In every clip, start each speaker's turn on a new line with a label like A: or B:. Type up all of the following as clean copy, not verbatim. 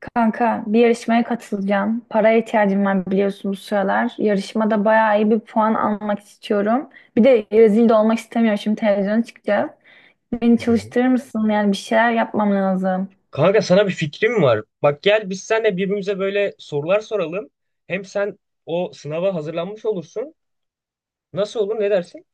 A: Kanka bir yarışmaya katılacağım. Paraya ihtiyacım var biliyorsun bu sıralar. Yarışmada bayağı iyi bir puan almak istiyorum. Bir de rezil de olmak istemiyorum. Şimdi televizyona çıkacağız. Beni
B: Hı hı.
A: çalıştırır mısın? Yani bir şeyler yapmam lazım.
B: Kanka, sana bir fikrim var. Bak, gel biz seninle birbirimize böyle sorular soralım. Hem sen o sınava hazırlanmış olursun. Nasıl olur, ne dersin?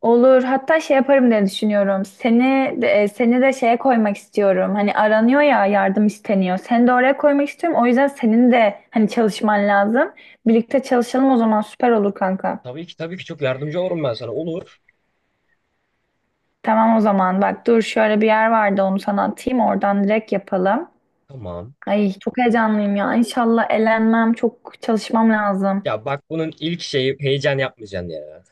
A: Olur. Hatta şey yaparım diye düşünüyorum. Seni de, seni de şeye koymak istiyorum. Hani aranıyor ya yardım isteniyor. Seni de oraya koymak istiyorum. O yüzden senin de hani çalışman lazım. Birlikte çalışalım o zaman süper olur kanka.
B: Tabii ki, tabii ki çok yardımcı olurum ben sana. Olur.
A: Tamam o zaman bak dur şöyle bir yer vardı onu sana atayım oradan direkt yapalım.
B: Tamam.
A: Ay çok heyecanlıyım ya. İnşallah elenmem, çok çalışmam lazım.
B: Ya bak, bunun ilk şeyi heyecan yapmayacaksın ya.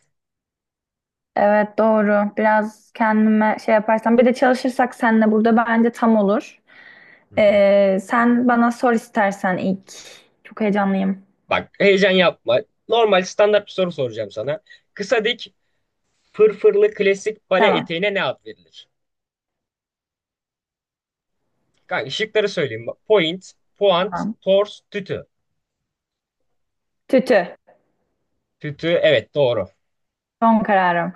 A: Evet doğru, biraz kendime şey yaparsam bir de çalışırsak seninle burada bence tam olur.
B: Hı hı.
A: Sen bana sor istersen ilk. Çok heyecanlıyım.
B: Bak, heyecan yapma. Normal standart bir soru soracağım sana. Kısa, dik, fırfırlı klasik bale
A: Tamam
B: eteğine ne ad verilir? Kanka, şıkları söyleyeyim. Point, puant,
A: tamam.
B: tors, tütü.
A: Tütü
B: Tütü, evet, doğru.
A: son kararım.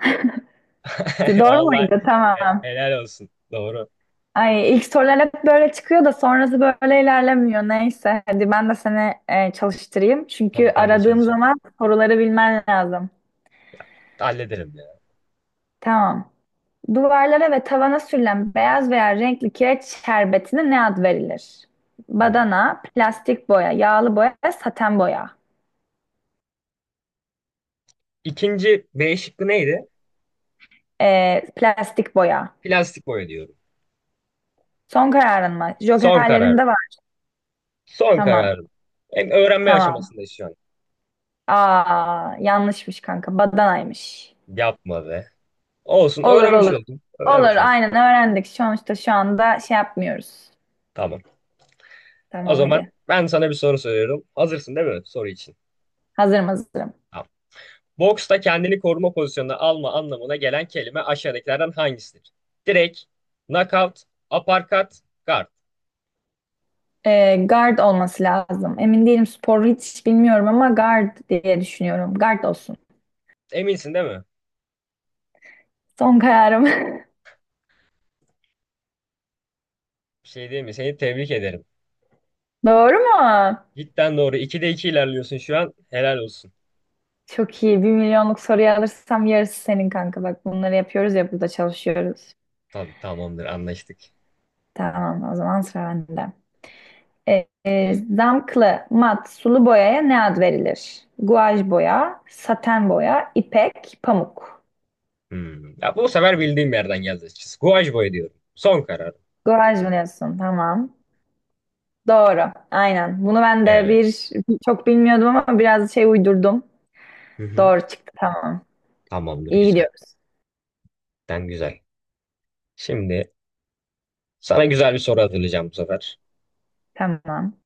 A: Doğru
B: Vallahi,
A: muydu? Tamam.
B: helal olsun. Doğru.
A: Ay ilk sorular hep böyle çıkıyor da sonrası böyle ilerlemiyor. Neyse hadi ben de seni çalıştırayım. Çünkü
B: Tabii ben de
A: aradığım
B: çalışayım.
A: zaman soruları bilmen lazım.
B: Hallederim ya.
A: Tamam. Duvarlara ve tavana sürülen beyaz veya renkli kireç şerbetine ne ad verilir?
B: Hmm.
A: Badana, plastik boya, yağlı boya, saten boya.
B: İkinci B şıkkı neydi?
A: Plastik boya.
B: Plastik boya diyorum.
A: Son kararın mı?
B: Son
A: Jokerlerin
B: kararım.
A: de var.
B: Son
A: Tamam.
B: kararım. Hem öğrenme
A: Tamam.
B: aşamasındayız şu an.
A: Aa yanlışmış kanka. Badanaymış.
B: Yapma be. Olsun,
A: Olur
B: öğrenmiş
A: olur.
B: oldum.
A: Olur
B: Öğrenmiş oldum.
A: aynen öğrendik. Sonuçta şu anda şey yapmıyoruz.
B: Tamam. O
A: Tamam
B: zaman
A: hadi.
B: ben sana bir soru soruyorum. Hazırsın değil mi soru için?
A: Hazırım hazırım.
B: Tamam. Boksta kendini koruma pozisyonuna alma anlamına gelen kelime aşağıdakilerden hangisidir? Direkt, knockout, uppercut, guard.
A: Guard olması lazım. Emin değilim, spor hiç bilmiyorum ama guard diye düşünüyorum. Guard olsun.
B: Eminsin değil mi?
A: Son kararım.
B: Bir şey diyeyim mi? Seni tebrik ederim.
A: Doğru mu?
B: Cidden doğru. 2'de 2 ilerliyorsun şu an. Helal olsun.
A: Çok iyi. Bir milyonluk soruyu alırsam yarısı senin kanka. Bak bunları yapıyoruz ya, burada çalışıyoruz.
B: Tabii, tamamdır, anlaştık.
A: Tamam o zaman sıra bende. Zamklı, mat, sulu boyaya ne ad verilir? Guaj boya, saten boya, ipek, pamuk.
B: Hmm. Ya bu sefer bildiğim yerden geldi açıkçası. Guaj boy diyorum. Son karar.
A: Guaj mı diyorsun? Tamam. Doğru. Aynen. Bunu ben de
B: Evet.
A: bir çok bilmiyordum ama biraz şey uydurdum.
B: Hı hı.
A: Doğru çıktı. Tamam.
B: Tamamdır,
A: İyi
B: güzel.
A: gidiyoruz.
B: Cidden güzel. Şimdi sana güzel bir soru hazırlayacağım bu sefer.
A: Tamam.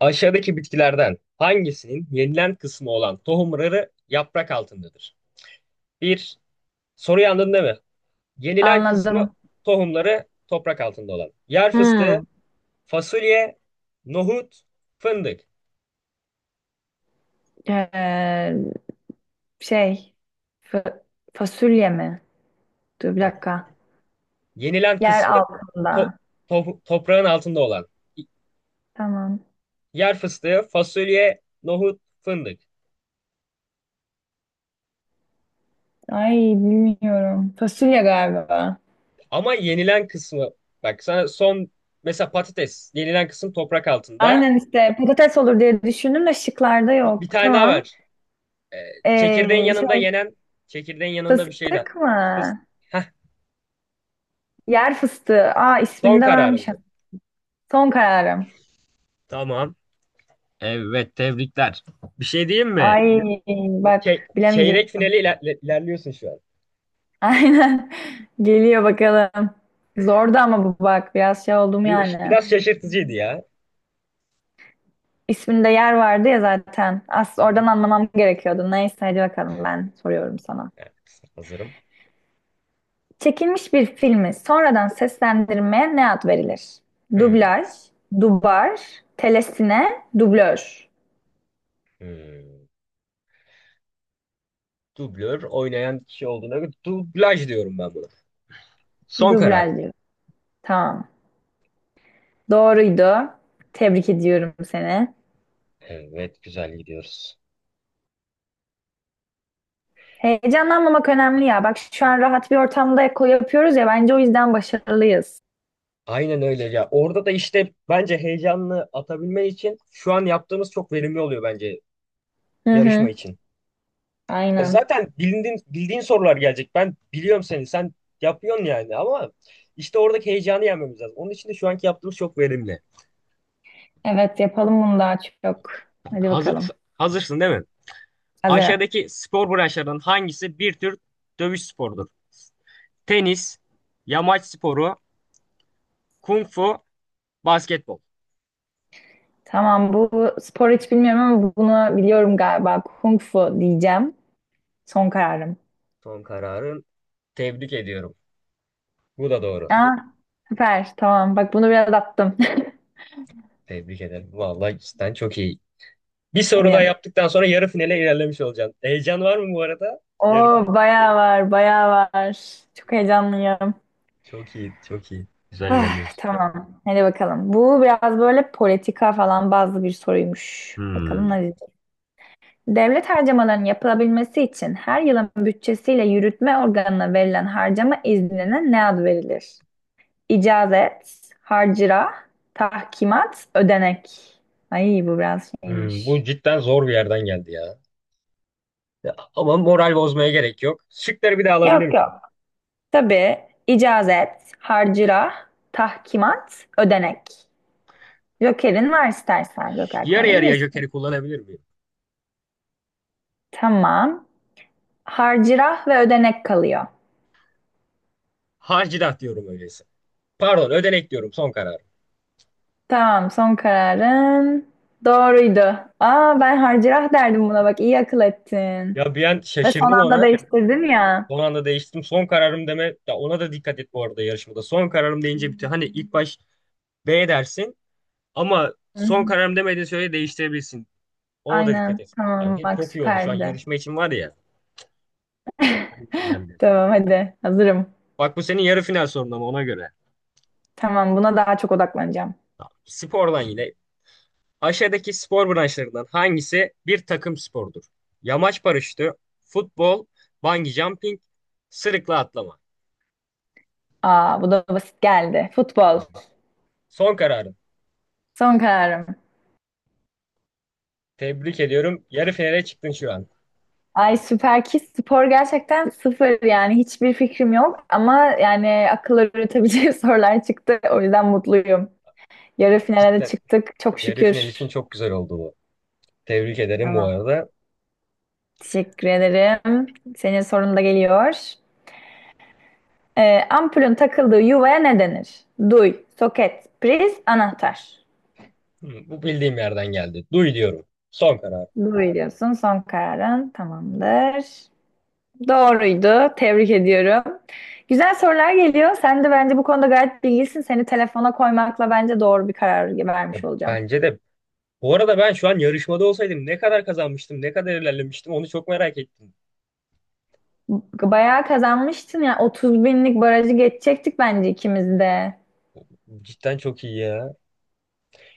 B: Aşağıdaki bitkilerden hangisinin yenilen kısmı olan tohumları yaprak altındadır? Bir, soruyu anladın değil mi? Yenilen kısmı,
A: Anladım.
B: tohumları toprak altında olan. Yer fıstığı,
A: Hmm.
B: fasulye, nohut, fındık.
A: Ee, Şey fa- fasulye mi? Dur bir
B: Bak,
A: dakika.
B: yenilen
A: Yer
B: kısmı to-
A: altında.
B: toprağın altında olan.
A: Tamam.
B: Yer fıstığı, fasulye, nohut, fındık.
A: Ay bilmiyorum. Fasulye galiba.
B: Ama yenilen kısmı, bak sana son, mesela patates, yenilen kısım toprak altında.
A: Aynen işte patates olur diye düşündüm de şıklarda
B: Bir, bir
A: yok.
B: tane daha
A: Tamam.
B: var. Ee, Çekirdeğin yanında
A: Şey
B: yenen, çekirdeğin yanında bir şey daha.
A: fıstık mı?
B: Fıs- Heh,
A: Yer fıstığı. Aa ismini
B: son
A: de
B: kararın mı?
A: vermişim. Son kararım.
B: Tamam. Evet, tebrikler. Bir şey diyeyim mi?
A: Ay bak
B: Çeyrek
A: bilemeyecektim.
B: finali ilerliyorsun şu an.
A: Aynen. Geliyor bakalım. Zordu ama bu bak biraz şey oldum
B: Bu
A: yani.
B: biraz şaşırtıcıydı ya.
A: İsminde yer vardı ya zaten.
B: Hı
A: Aslında
B: hı.
A: oradan anlamam gerekiyordu. Neyse hadi bakalım ben soruyorum sana.
B: Evet, hazırım.
A: Çekilmiş bir filmi sonradan seslendirmeye ne ad verilir?
B: Hmm,
A: Dublaj, dubar, telesine, dublör.
B: hmm. Dublör oynayan kişi olduğuna göre dublaj diyorum ben buna. Son karar.
A: Dublaj diyor. Tamam. Doğruydu. Tebrik ediyorum seni.
B: Evet, güzel gidiyoruz.
A: Heyecanlanmamak önemli ya. Bak şu an rahat bir ortamda eko yapıyoruz ya, bence o yüzden başarılıyız.
B: Aynen öyle ya. Orada da işte bence heyecanını atabilmen için şu an yaptığımız çok verimli oluyor bence
A: Hı
B: yarışma
A: hı,
B: için. Ya
A: aynen.
B: zaten bildiğin sorular gelecek. Ben biliyorum seni. Sen yapıyorsun yani, ama işte oradaki heyecanı yenmemiz lazım. Onun için de şu anki yaptığımız çok verimli.
A: Evet yapalım bunu daha çok. Hadi
B: Hazır,
A: bakalım.
B: Hazırsın değil mi?
A: Hazırım.
B: Aşağıdaki spor branşlarının hangisi bir tür dövüş sporudur? Tenis, yamaç sporu, kung fu, basketbol.
A: Tamam bu spor hiç bilmiyorum ama bunu biliyorum galiba. Kung fu diyeceğim. Son kararım.
B: Son kararın. Tebrik ediyorum. Bu da doğru.
A: Aa, süper. Tamam. Bak bunu biraz attım.
B: Tebrik ederim. Vallahi, cidden çok iyi. Bir soru daha
A: Hadi.
B: yaptıktan sonra yarı finale ilerlemiş olacaksın. Heyecan var mı bu arada? Yarı final.
A: Oo bayağı var, bayağı var. Çok heyecanlıyım.
B: Çok iyi, çok iyi. Güzel
A: Ah,
B: ilerliyorsun.
A: tamam. Hadi bakalım. Bu biraz böyle politika falan bazı bir soruymuş. Bakalım
B: Hmm.
A: ne. Devlet harcamalarının yapılabilmesi için her yılın bütçesiyle yürütme organına verilen harcama iznine ne ad verilir? İcazet, harcırah, tahkimat, ödenek. Ay bu biraz
B: Hmm,
A: şeymiş.
B: bu cidden zor bir yerden geldi ya. Ya, ama moral bozmaya gerek yok. Şıkları bir daha alabilir
A: Yok
B: miyim?
A: yok. Tabii icazet, harcırah, tahkimat, ödenek. Joker'in var, istersen Joker
B: Yarı yarıya
A: kullanabilirsin.
B: jokeri kullanabilir miyim?
A: Tamam. Harcırah ve ödenek kalıyor.
B: Hacilat diyorum öyleyse. Pardon, ödenek diyorum, son kararım.
A: Tamam, son kararın doğruydu. Aa, ben harcırah derdim buna bak, iyi akıl ettin.
B: Ya bir an
A: Ve son
B: şaşırdım
A: anda
B: ona.
A: değiştirdin ya.
B: Son anda değiştim. Son kararım deme. Ya ona da dikkat et bu arada yarışmada. Son kararım deyince bütün, hani ilk baş B dersin ama
A: Hı
B: son
A: hı.
B: kararım demediğin sürece değiştirebilirsin. Ona da dikkat
A: Aynen,
B: et. Ya
A: tamam
B: hep
A: bak
B: çok iyi oldu şu an
A: süperdi.
B: yarışma için var ya. Hani iğnemdir.
A: Tamam hadi, hazırım.
B: Bak, bu senin yarı final sorun, ama ona göre.
A: Tamam, buna daha çok odaklanacağım.
B: Ya, spordan yine. Aşağıdaki spor branşlarından hangisi bir takım sporudur? Yamaç paraşütü, futbol, bungee jumping, sırıkla atlama.
A: Aa, bu da basit geldi. Futbol,
B: Son kararın.
A: son kararım.
B: Tebrik ediyorum. Yarı finale çıktın şu an.
A: Ay süper ki spor gerçekten sıfır yani hiçbir fikrim yok ama yani akılları üretebileceği sorular çıktı o yüzden mutluyum. Yarı finale de
B: Cidden.
A: çıktık çok
B: Yarı final
A: şükür.
B: için çok güzel oldu bu. Tebrik ederim bu
A: Tamam.
B: arada.
A: Teşekkür ederim. Senin sorun da geliyor. Ampulün takıldığı yuvaya ne denir? Duy, soket, priz, anahtar.
B: Hı, bu bildiğim yerden geldi. Duy diyorum. Son karar.
A: Duy diyorsun. Son kararın tamamdır. Doğruydu. Tebrik ediyorum. Güzel sorular geliyor. Sen de bence bu konuda gayet bilgilisin. Seni telefona koymakla bence doğru bir karar
B: Ya,
A: vermiş olacağım.
B: bence de. Bu arada ben şu an yarışmada olsaydım ne kadar kazanmıştım, ne kadar ilerlemiştim, onu çok merak ettim.
A: Bayağı kazanmıştın ya. 30 binlik barajı geçecektik bence ikimiz de.
B: Cidden çok iyi ya.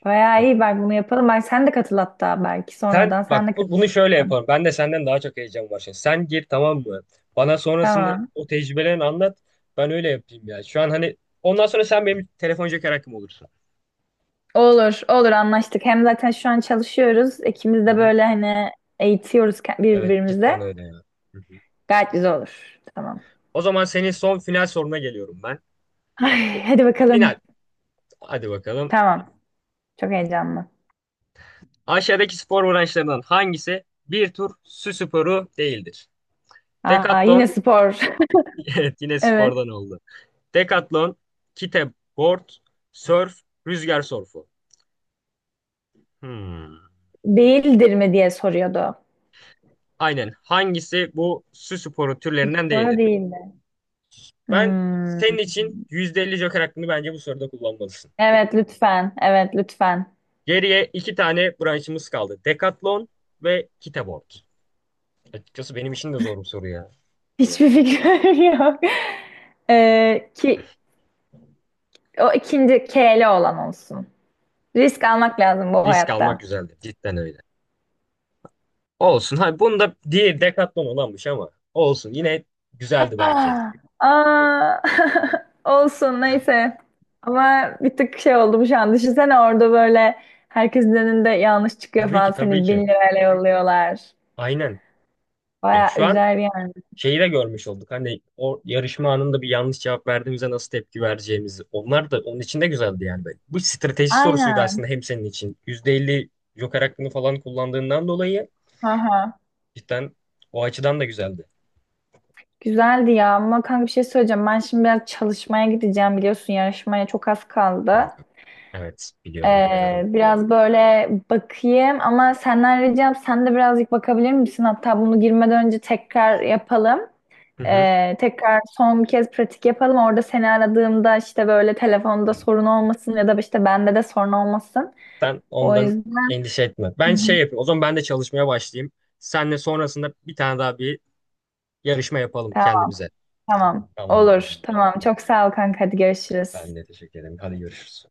A: Bayağı
B: Ya,
A: iyi. Bak bunu yapalım. Bak sen de katıl, hatta belki
B: sen
A: sonradan sen
B: bak
A: de katıl.
B: bunu şöyle yapalım. Ben de senden daha çok heyecan var şimdi. Sen gir, tamam mı? Bana sonrasında
A: Tamam.
B: o tecrübelerini anlat. Ben öyle yapayım ya. Şu an hani ondan sonra sen benim telefon joker hakkım olursun.
A: Olur, olur anlaştık. Hem zaten şu an çalışıyoruz. İkimiz
B: Hı
A: de
B: hı.
A: böyle hani eğitiyoruz ke-
B: Evet,
A: birbirimizi.
B: cidden öyle ya. Hı hı.
A: Gayet güzel olur. Tamam.
B: O zaman senin son final soruna geliyorum ben. Bak,
A: Ay,
B: bu
A: hadi bakalım.
B: final. Hadi bakalım.
A: Tamam. Çok heyecanlı.
B: Aşağıdaki spor branşlarından hangisi bir tur su sporu değildir?
A: Aa,
B: Decathlon,
A: yine spor.
B: evet, yine
A: Evet.
B: spordan oldu. Decathlon, kiteboard, surf, rüzgar surfu. Hmm.
A: Değildir mi diye soruyordu.
B: Aynen. Hangisi bu su sporu türlerinden
A: Doğru
B: değildir?
A: değildi.
B: Ben
A: Hmm.
B: senin için %50 joker hakkını bence bu soruda kullanmalısın.
A: Evet lütfen. Evet lütfen.
B: Geriye iki tane branşımız kaldı. Decathlon ve kiteboard. Açıkçası benim için de zor bir soru ya.
A: Hiçbir fikrim yok. Ki o ikinci K'li olan olsun. Risk almak lazım bu
B: Risk almak
A: hayatta.
B: güzeldi. Cidden öyle. Olsun. Hani bunu da diye Decathlon olanmış, ama olsun. Yine güzeldi bence.
A: Aa, aa. Olsun neyse. Ama bir tık şey oldum şu an. Düşünsene orada böyle herkesin önünde yanlış çıkıyor
B: Tabii ki,
A: falan.
B: tabii
A: Seni
B: ki.
A: bin lirayla yolluyorlar.
B: Aynen. Ya
A: Baya
B: şu an
A: üzer yani.
B: şeyi de görmüş olduk. Hani o yarışma anında bir yanlış cevap verdiğimizde nasıl tepki vereceğimizi. Onlar da onun için de güzeldi yani. Böyle. Bu strateji sorusuydu
A: Aynen.
B: aslında hem senin için. %50 joker hakkını falan kullandığından dolayı
A: Aha.
B: cidden o açıdan da güzeldi.
A: Güzeldi ya ama kanka bir şey söyleyeceğim. Ben şimdi biraz çalışmaya gideceğim, biliyorsun yarışmaya çok az kaldı.
B: Kanka. Evet, biliyorum, biliyorum.
A: Biraz böyle bakayım ama senden ricam sen de birazcık bakabilir misin? Hatta bunu girmeden önce tekrar yapalım.
B: Hı hı.
A: Tekrar son bir kez pratik yapalım. Orada seni aradığımda işte böyle telefonda sorun olmasın ya da işte bende de sorun olmasın.
B: Sen
A: O
B: ondan
A: yüzden.
B: endişe etme.
A: Hı
B: Ben şey
A: hı.
B: yapayım. O zaman ben de çalışmaya başlayayım. Senle sonrasında bir tane daha bir yarışma yapalım
A: Tamam
B: kendimize.
A: tamam.
B: Tamamdır o
A: Olur.
B: zaman.
A: Tamam. Çok sağ ol kanka. Hadi görüşürüz.
B: Ben de teşekkür ederim. Hadi, görüşürüz.